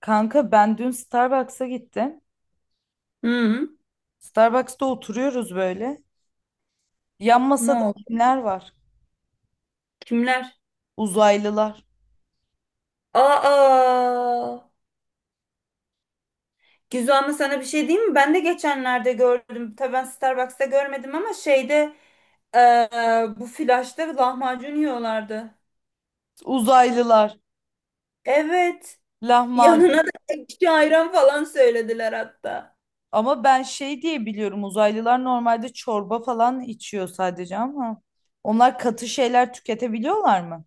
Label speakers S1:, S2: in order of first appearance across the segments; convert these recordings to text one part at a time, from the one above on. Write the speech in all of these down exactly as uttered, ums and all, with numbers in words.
S1: Kanka ben dün Starbucks'a gittim.
S2: Hı,
S1: Starbucks'ta oturuyoruz böyle. Yan
S2: ne
S1: masada
S2: oldu?
S1: kimler var?
S2: Kimler?
S1: Uzaylılar.
S2: Aa, Gizu, ama sana bir şey diyeyim mi? Ben de geçenlerde gördüm. Tabii ben Starbucks'ta görmedim ama şeyde eee, bu flaşta lahmacun yiyorlardı.
S1: Uzaylılar.
S2: Evet.
S1: Lahmacun.
S2: Yanına da ekşi ayran falan söylediler hatta.
S1: Ama ben şey diye biliyorum, uzaylılar normalde çorba falan içiyor sadece ama onlar katı şeyler tüketebiliyorlar mı?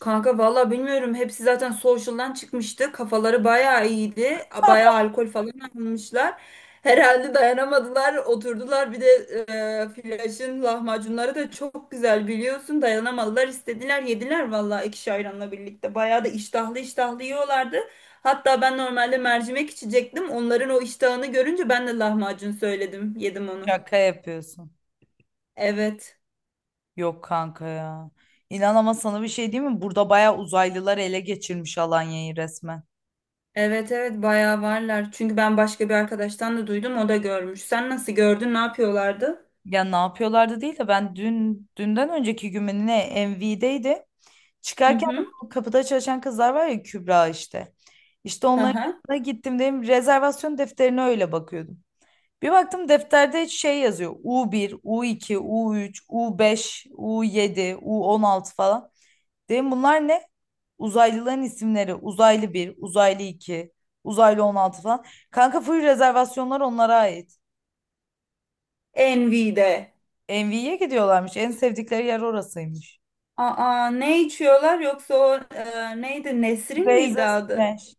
S2: Kanka valla bilmiyorum. Hepsi zaten social'dan çıkmıştı. Kafaları bayağı iyiydi. Bayağı alkol falan almışlar. Herhalde dayanamadılar. Oturdular. Bir de e, Flaş'ın lahmacunları da çok güzel biliyorsun. Dayanamadılar. İstediler yediler valla ekşi ayranla birlikte. Bayağı da iştahlı iştahlı yiyorlardı. Hatta ben normalde mercimek içecektim. Onların o iştahını görünce ben de lahmacun söyledim. Yedim onu.
S1: Şaka yapıyorsun.
S2: Evet.
S1: Yok kanka ya. İnan, ama sana bir şey diyeyim mi? Burada bayağı uzaylılar ele geçirmiş Alanya'yı resmen.
S2: Evet, evet, bayağı varlar. Çünkü ben başka bir arkadaştan da duydum, o da görmüş. Sen nasıl gördün, ne yapıyorlardı?
S1: Ya ne yapıyorlardı değil de ben dün, dünden önceki gün mü ne, M V'deydi.
S2: Hı
S1: Çıkarken de
S2: hı.
S1: bu kapıda çalışan kızlar var ya, Kübra işte. İşte
S2: Hı
S1: onların
S2: hı.
S1: yanına gittim, dedim rezervasyon defterine öyle bakıyordum. Bir baktım defterde şey yazıyor: u bir, u iki, u üç, u beş, u yedi, u on altı falan. Dedim bunlar ne? Uzaylıların isimleri. Uzaylı bir, Uzaylı iki, Uzaylı on altı falan. Kanka full rezervasyonlar onlara ait.
S2: Envy'de.
S1: Envy'ye gidiyorlarmış. En sevdikleri yer orasıymış.
S2: Aa, ne içiyorlar yoksa o e, neydi, Nesrin miydi
S1: Beyza
S2: adı?
S1: Smash.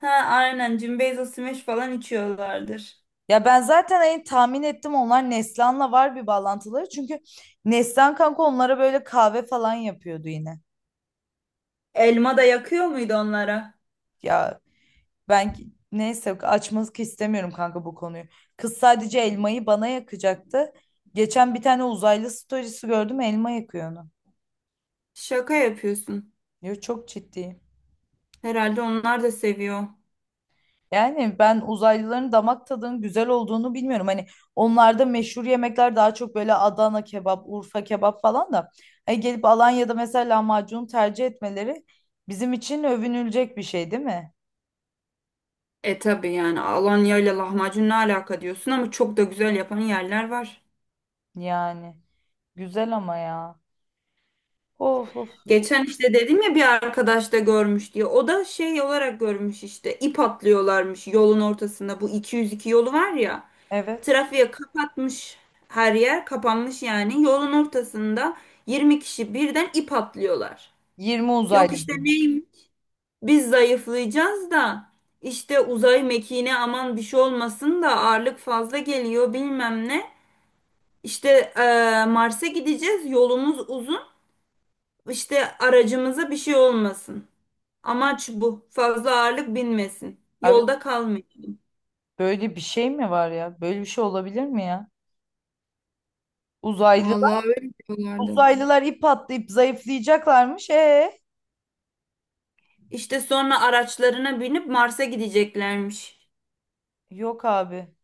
S2: Ha, aynen, Cimbeyzo Smash falan içiyorlardır.
S1: Ya ben zaten hani tahmin ettim, onlar Neslihan'la var bir bağlantıları. Çünkü Neslihan kanka onlara böyle kahve falan yapıyordu yine.
S2: Elma da yakıyor muydu onlara?
S1: Ya ben ki- neyse, açmak istemiyorum kanka bu konuyu. Kız sadece elmayı bana yakacaktı. Geçen bir tane uzaylı storiesi gördüm, elma yakıyor onu.
S2: Şaka yapıyorsun.
S1: Diyor, çok ciddi.
S2: Herhalde onlar da seviyor.
S1: Yani ben uzaylıların damak tadının güzel olduğunu bilmiyorum. Hani onlarda meşhur yemekler daha çok böyle Adana kebap, Urfa kebap falan da. Hani gelip Alanya'da mesela lahmacun tercih etmeleri bizim için övünülecek bir şey değil mi?
S2: E tabi yani Alanya ile lahmacun ne alaka diyorsun ama çok da güzel yapan yerler var.
S1: Yani güzel ama ya. Of of.
S2: Geçen işte dedim ya bir arkadaş da görmüş diye. O da şey olarak görmüş işte. İp atlıyorlarmış yolun ortasında. Bu iki yüz iki yolu var ya.
S1: Evet.
S2: Trafiğe kapatmış, her yer kapanmış yani. Yolun ortasında yirmi kişi birden ip atlıyorlar.
S1: yirmi
S2: Yok
S1: uzaylı
S2: işte,
S1: diyor.
S2: neymiş? Biz zayıflayacağız da işte uzay mekiğine aman bir şey olmasın da ağırlık fazla geliyor bilmem ne. İşte eee, Mars'a gideceğiz. Yolumuz uzun. İşte aracımıza bir şey olmasın. Amaç bu. Fazla ağırlık binmesin.
S1: Abi
S2: Yolda kalmayın.
S1: böyle bir şey mi var ya? Böyle bir şey olabilir mi ya? Uzaylılar,
S2: Vallahi öyle diyorlardı.
S1: uzaylılar ip atlayıp zayıflayacaklarmış. E
S2: İşte sonra araçlarına binip Mars'a gideceklermiş.
S1: yok abi.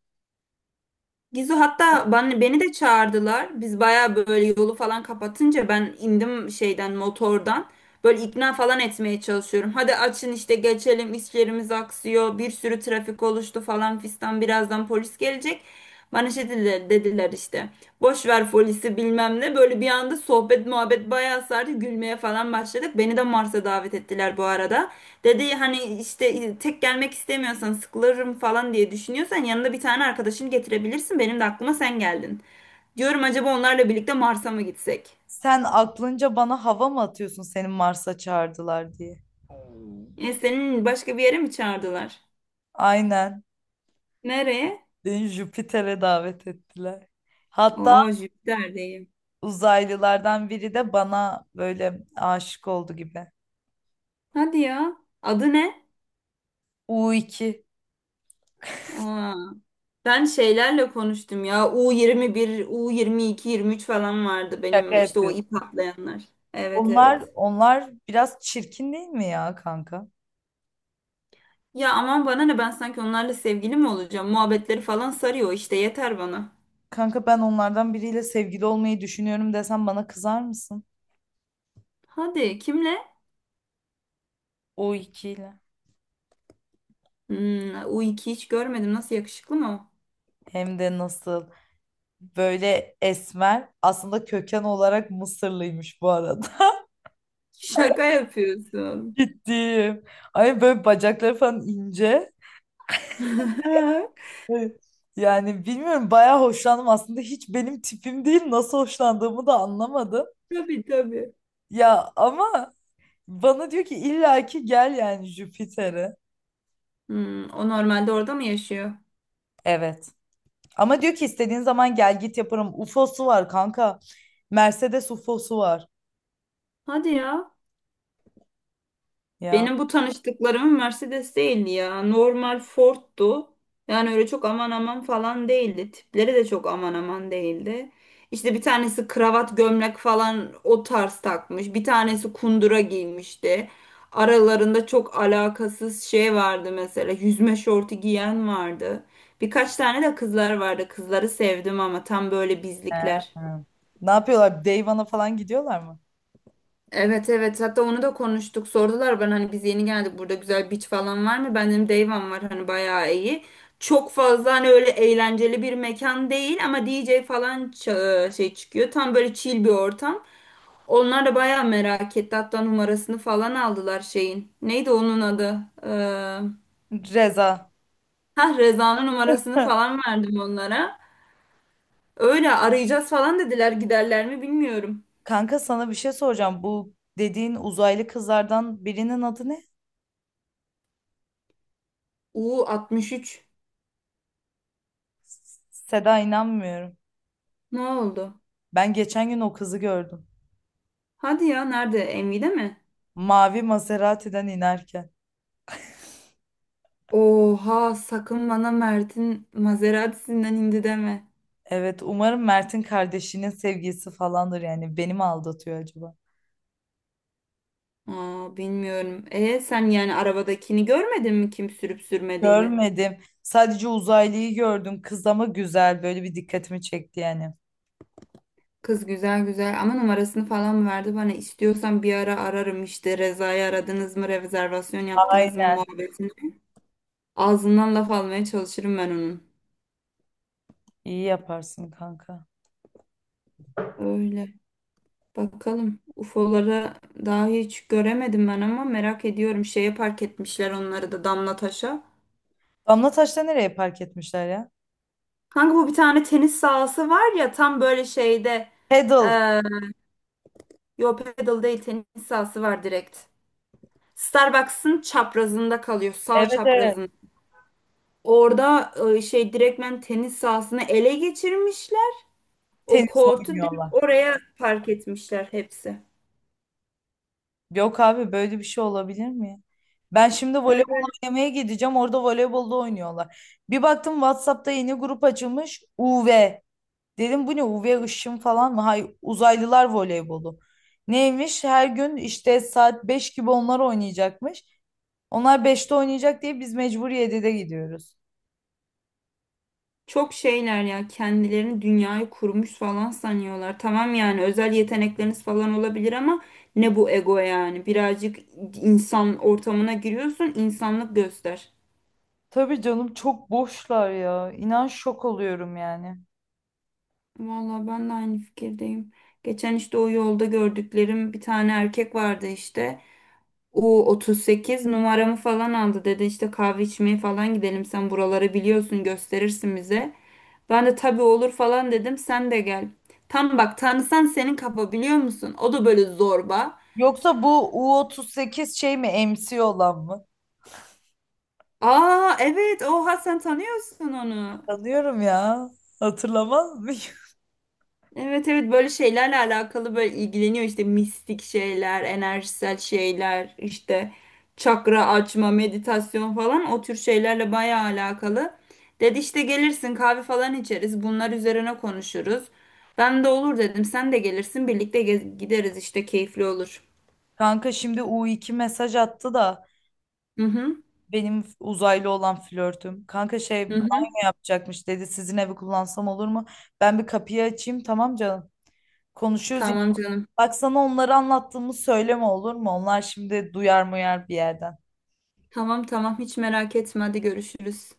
S2: Gizu, hatta bana, beni de çağırdılar. Biz baya böyle yolu falan kapatınca ben indim şeyden, motordan. Böyle ikna falan etmeye çalışıyorum. Hadi açın işte, geçelim, işlerimiz aksıyor. Bir sürü trafik oluştu falan fistan. Birazdan polis gelecek. Bana şey dediler, dediler işte. Boş ver folisi bilmem ne. Böyle bir anda sohbet muhabbet bayağı sardı. Gülmeye falan başladık. Beni de Mars'a davet ettiler bu arada. Dedi hani işte tek gelmek istemiyorsan, sıkılırım falan diye düşünüyorsan yanında bir tane arkadaşını getirebilirsin. Benim de aklıma sen geldin. Diyorum acaba onlarla birlikte Mars'a mı gitsek?
S1: Sen aklınca bana hava mı atıyorsun, senin Mars'a çağırdılar diye?
S2: E, senin başka bir yere mi çağırdılar?
S1: Aynen.
S2: Nereye?
S1: Beni Jüpiter'e davet ettiler. Hatta
S2: Oo, Jüpiter'deyim.
S1: uzaylılardan biri de bana böyle aşık oldu gibi.
S2: Hadi ya. Adı ne?
S1: U iki.
S2: Aa. Ben şeylerle konuştum ya. u yirmi bir, u yirmi iki, yirmi üç falan vardı
S1: Şaka
S2: benim işte o
S1: yapıyorum.
S2: ip atlayanlar. Evet,
S1: Onlar,
S2: evet.
S1: onlar biraz çirkin değil mi ya kanka?
S2: Ya aman bana ne, ben sanki onlarla sevgili mi olacağım? Muhabbetleri falan sarıyor işte, yeter bana.
S1: Kanka, ben onlardan biriyle sevgili olmayı düşünüyorum desem bana kızar mısın?
S2: Hadi kimle?
S1: U iki ile.
S2: Hmm, u iki hiç görmedim. Nasıl, yakışıklı mı o?
S1: Hem de nasıl, böyle esmer, aslında köken olarak Mısırlıymış bu arada.
S2: Şaka yapıyorsun.
S1: Gittim. Ay böyle bacakları falan ince. Evet. Yani bilmiyorum, bayağı hoşlandım aslında, hiç benim tipim değil, nasıl hoşlandığımı da anlamadım.
S2: Tabii, tabii.
S1: Ya ama bana diyor ki illaki gel yani Jüpiter'e.
S2: Hmm, o normalde orada mı yaşıyor?
S1: Evet. Ama diyor ki istediğin zaman gel git yaparım. U F O'su var kanka. Mercedes U F O'su var.
S2: Hadi ya.
S1: Ya.
S2: Benim bu tanıştıklarımın Mercedes değildi ya. Normal Ford'tu. Yani öyle çok aman aman falan değildi. Tipleri de çok aman aman değildi. İşte bir tanesi kravat gömlek falan o tarz takmış. Bir tanesi kundura giymişti. Aralarında çok alakasız şey vardı mesela. Yüzme şortu giyen vardı. Birkaç tane de kızlar vardı. Kızları sevdim ama tam böyle bizlikler.
S1: He. Ne yapıyorlar? Dayvan'a falan gidiyorlar mı?
S2: Evet, evet, hatta onu da konuştuk, sordular, ben hani biz yeni geldik burada güzel beach falan var mı? Ben dedim Dayvan var hani, bayağı iyi. Çok fazla hani öyle eğlenceli bir mekan değil ama D J falan ça- e, şey çıkıyor. Tam böyle chill bir ortam. Onlar da bayağı merak etti, hatta numarasını falan aldılar şeyin. Neydi onun adı? Ee,
S1: Reza.
S2: ha, Reza'nın numarasını falan verdim onlara. Öyle arayacağız falan dediler, giderler mi bilmiyorum.
S1: Kanka sana bir şey soracağım. Bu dediğin uzaylı kızlardan birinin adı ne?
S2: u altmış üç,
S1: Seda, inanmıyorum.
S2: ne oldu?
S1: Ben geçen gün o kızı gördüm.
S2: Hadi ya nerede? Envy'de mi?
S1: Mavi Maserati'den inerken.
S2: Oha, sakın bana Mert'in Maserati'sinden indi deme.
S1: Evet, umarım Mert'in kardeşinin sevgilisi falandır yani. Beni mi aldatıyor acaba?
S2: Aa, bilmiyorum. E sen yani arabadakini görmedin mi, kim sürüp sürmediğini?
S1: Görmedim. Sadece uzaylıyı gördüm. Kız ama güzel. Böyle bir dikkatimi çekti yani.
S2: Kız güzel güzel ama numarasını falan mı verdi bana? İstiyorsan bir ara ararım işte, Reza'yı aradınız mı, rezervasyon yaptınız mı
S1: Aynen.
S2: muhabbetini. Ağzından laf almaya çalışırım ben onun.
S1: İyi yaparsın kanka.
S2: Öyle. Bakalım. u f o'ları daha hiç göremedim ben ama merak ediyorum. Şeye park etmişler onları da, Damlataş'a.
S1: Damla Taş'ta nereye park etmişler ya?
S2: Kanka bu bir tane tenis sahası var ya tam böyle şeyde
S1: Pedal.
S2: e, yo, pedal değil, tenis sahası var direkt. Starbucks'ın çaprazında kalıyor, sağ
S1: Evet, evet.
S2: çaprazında. Orada e, şey, direktmen tenis sahasını ele geçirmişler. O
S1: Tenis
S2: kortu direkt
S1: oynuyorlar.
S2: oraya park etmişler hepsi.
S1: Yok abi, böyle bir şey olabilir mi ya? Ben şimdi
S2: Öyle
S1: voleybol
S2: öyle.
S1: oynamaya gideceğim. Orada voleybolda oynuyorlar. Bir baktım WhatsApp'ta yeni grup açılmış: U V. Dedim bu ne, U V ışın falan mı? Hay uzaylılar voleybolu. Neymiş? Her gün işte saat beş gibi onlar oynayacakmış. Onlar beşte oynayacak diye biz mecbur yedide gidiyoruz.
S2: Çok şeyler ya, kendilerini dünyayı kurmuş falan sanıyorlar. Tamam yani özel yetenekleriniz falan olabilir ama ne bu ego yani? Birazcık insan ortamına giriyorsun, insanlık göster.
S1: Tabii canım, çok boşlar ya. İnan şok oluyorum yani.
S2: Vallahi ben de aynı fikirdeyim. Geçen işte o yolda gördüklerim bir tane erkek vardı işte. u otuz sekiz numaramı falan aldı, dedi işte kahve içmeye falan gidelim, sen buraları biliyorsun, gösterirsin bize. Ben de tabii olur falan dedim, sen de gel. Tam bak, tanısan senin kafa biliyor musun? O da böyle zorba.
S1: Yoksa bu U otuz sekiz şey mi, M C olan mı?
S2: Aa evet, oha sen tanıyorsun onu.
S1: Tanıyorum ya. Hatırlamaz mıyım?
S2: Evet, evet, böyle şeylerle alakalı, böyle ilgileniyor işte mistik şeyler, enerjisel şeyler, işte çakra açma, meditasyon falan o tür şeylerle bayağı alakalı. Dedi işte gelirsin, kahve falan içeriz, bunlar üzerine konuşuruz. Ben de olur dedim, sen de gelirsin, birlikte gez- gideriz işte, keyifli olur.
S1: Kanka şimdi u iki mesaj attı da,
S2: Hı hı.
S1: benim uzaylı olan flörtüm. Kanka şey,
S2: Hı hı.
S1: banyo yapacakmış dedi. Sizin evi kullansam olur mu? Ben bir kapıyı açayım, tamam canım. Konuşuyoruz
S2: Tamam
S1: yine.
S2: canım.
S1: Bak, sana onları anlattığımı söyleme, olur mu? Onlar şimdi duyar muyar bir yerden.
S2: Tamam, tamam, hiç merak etme, hadi görüşürüz.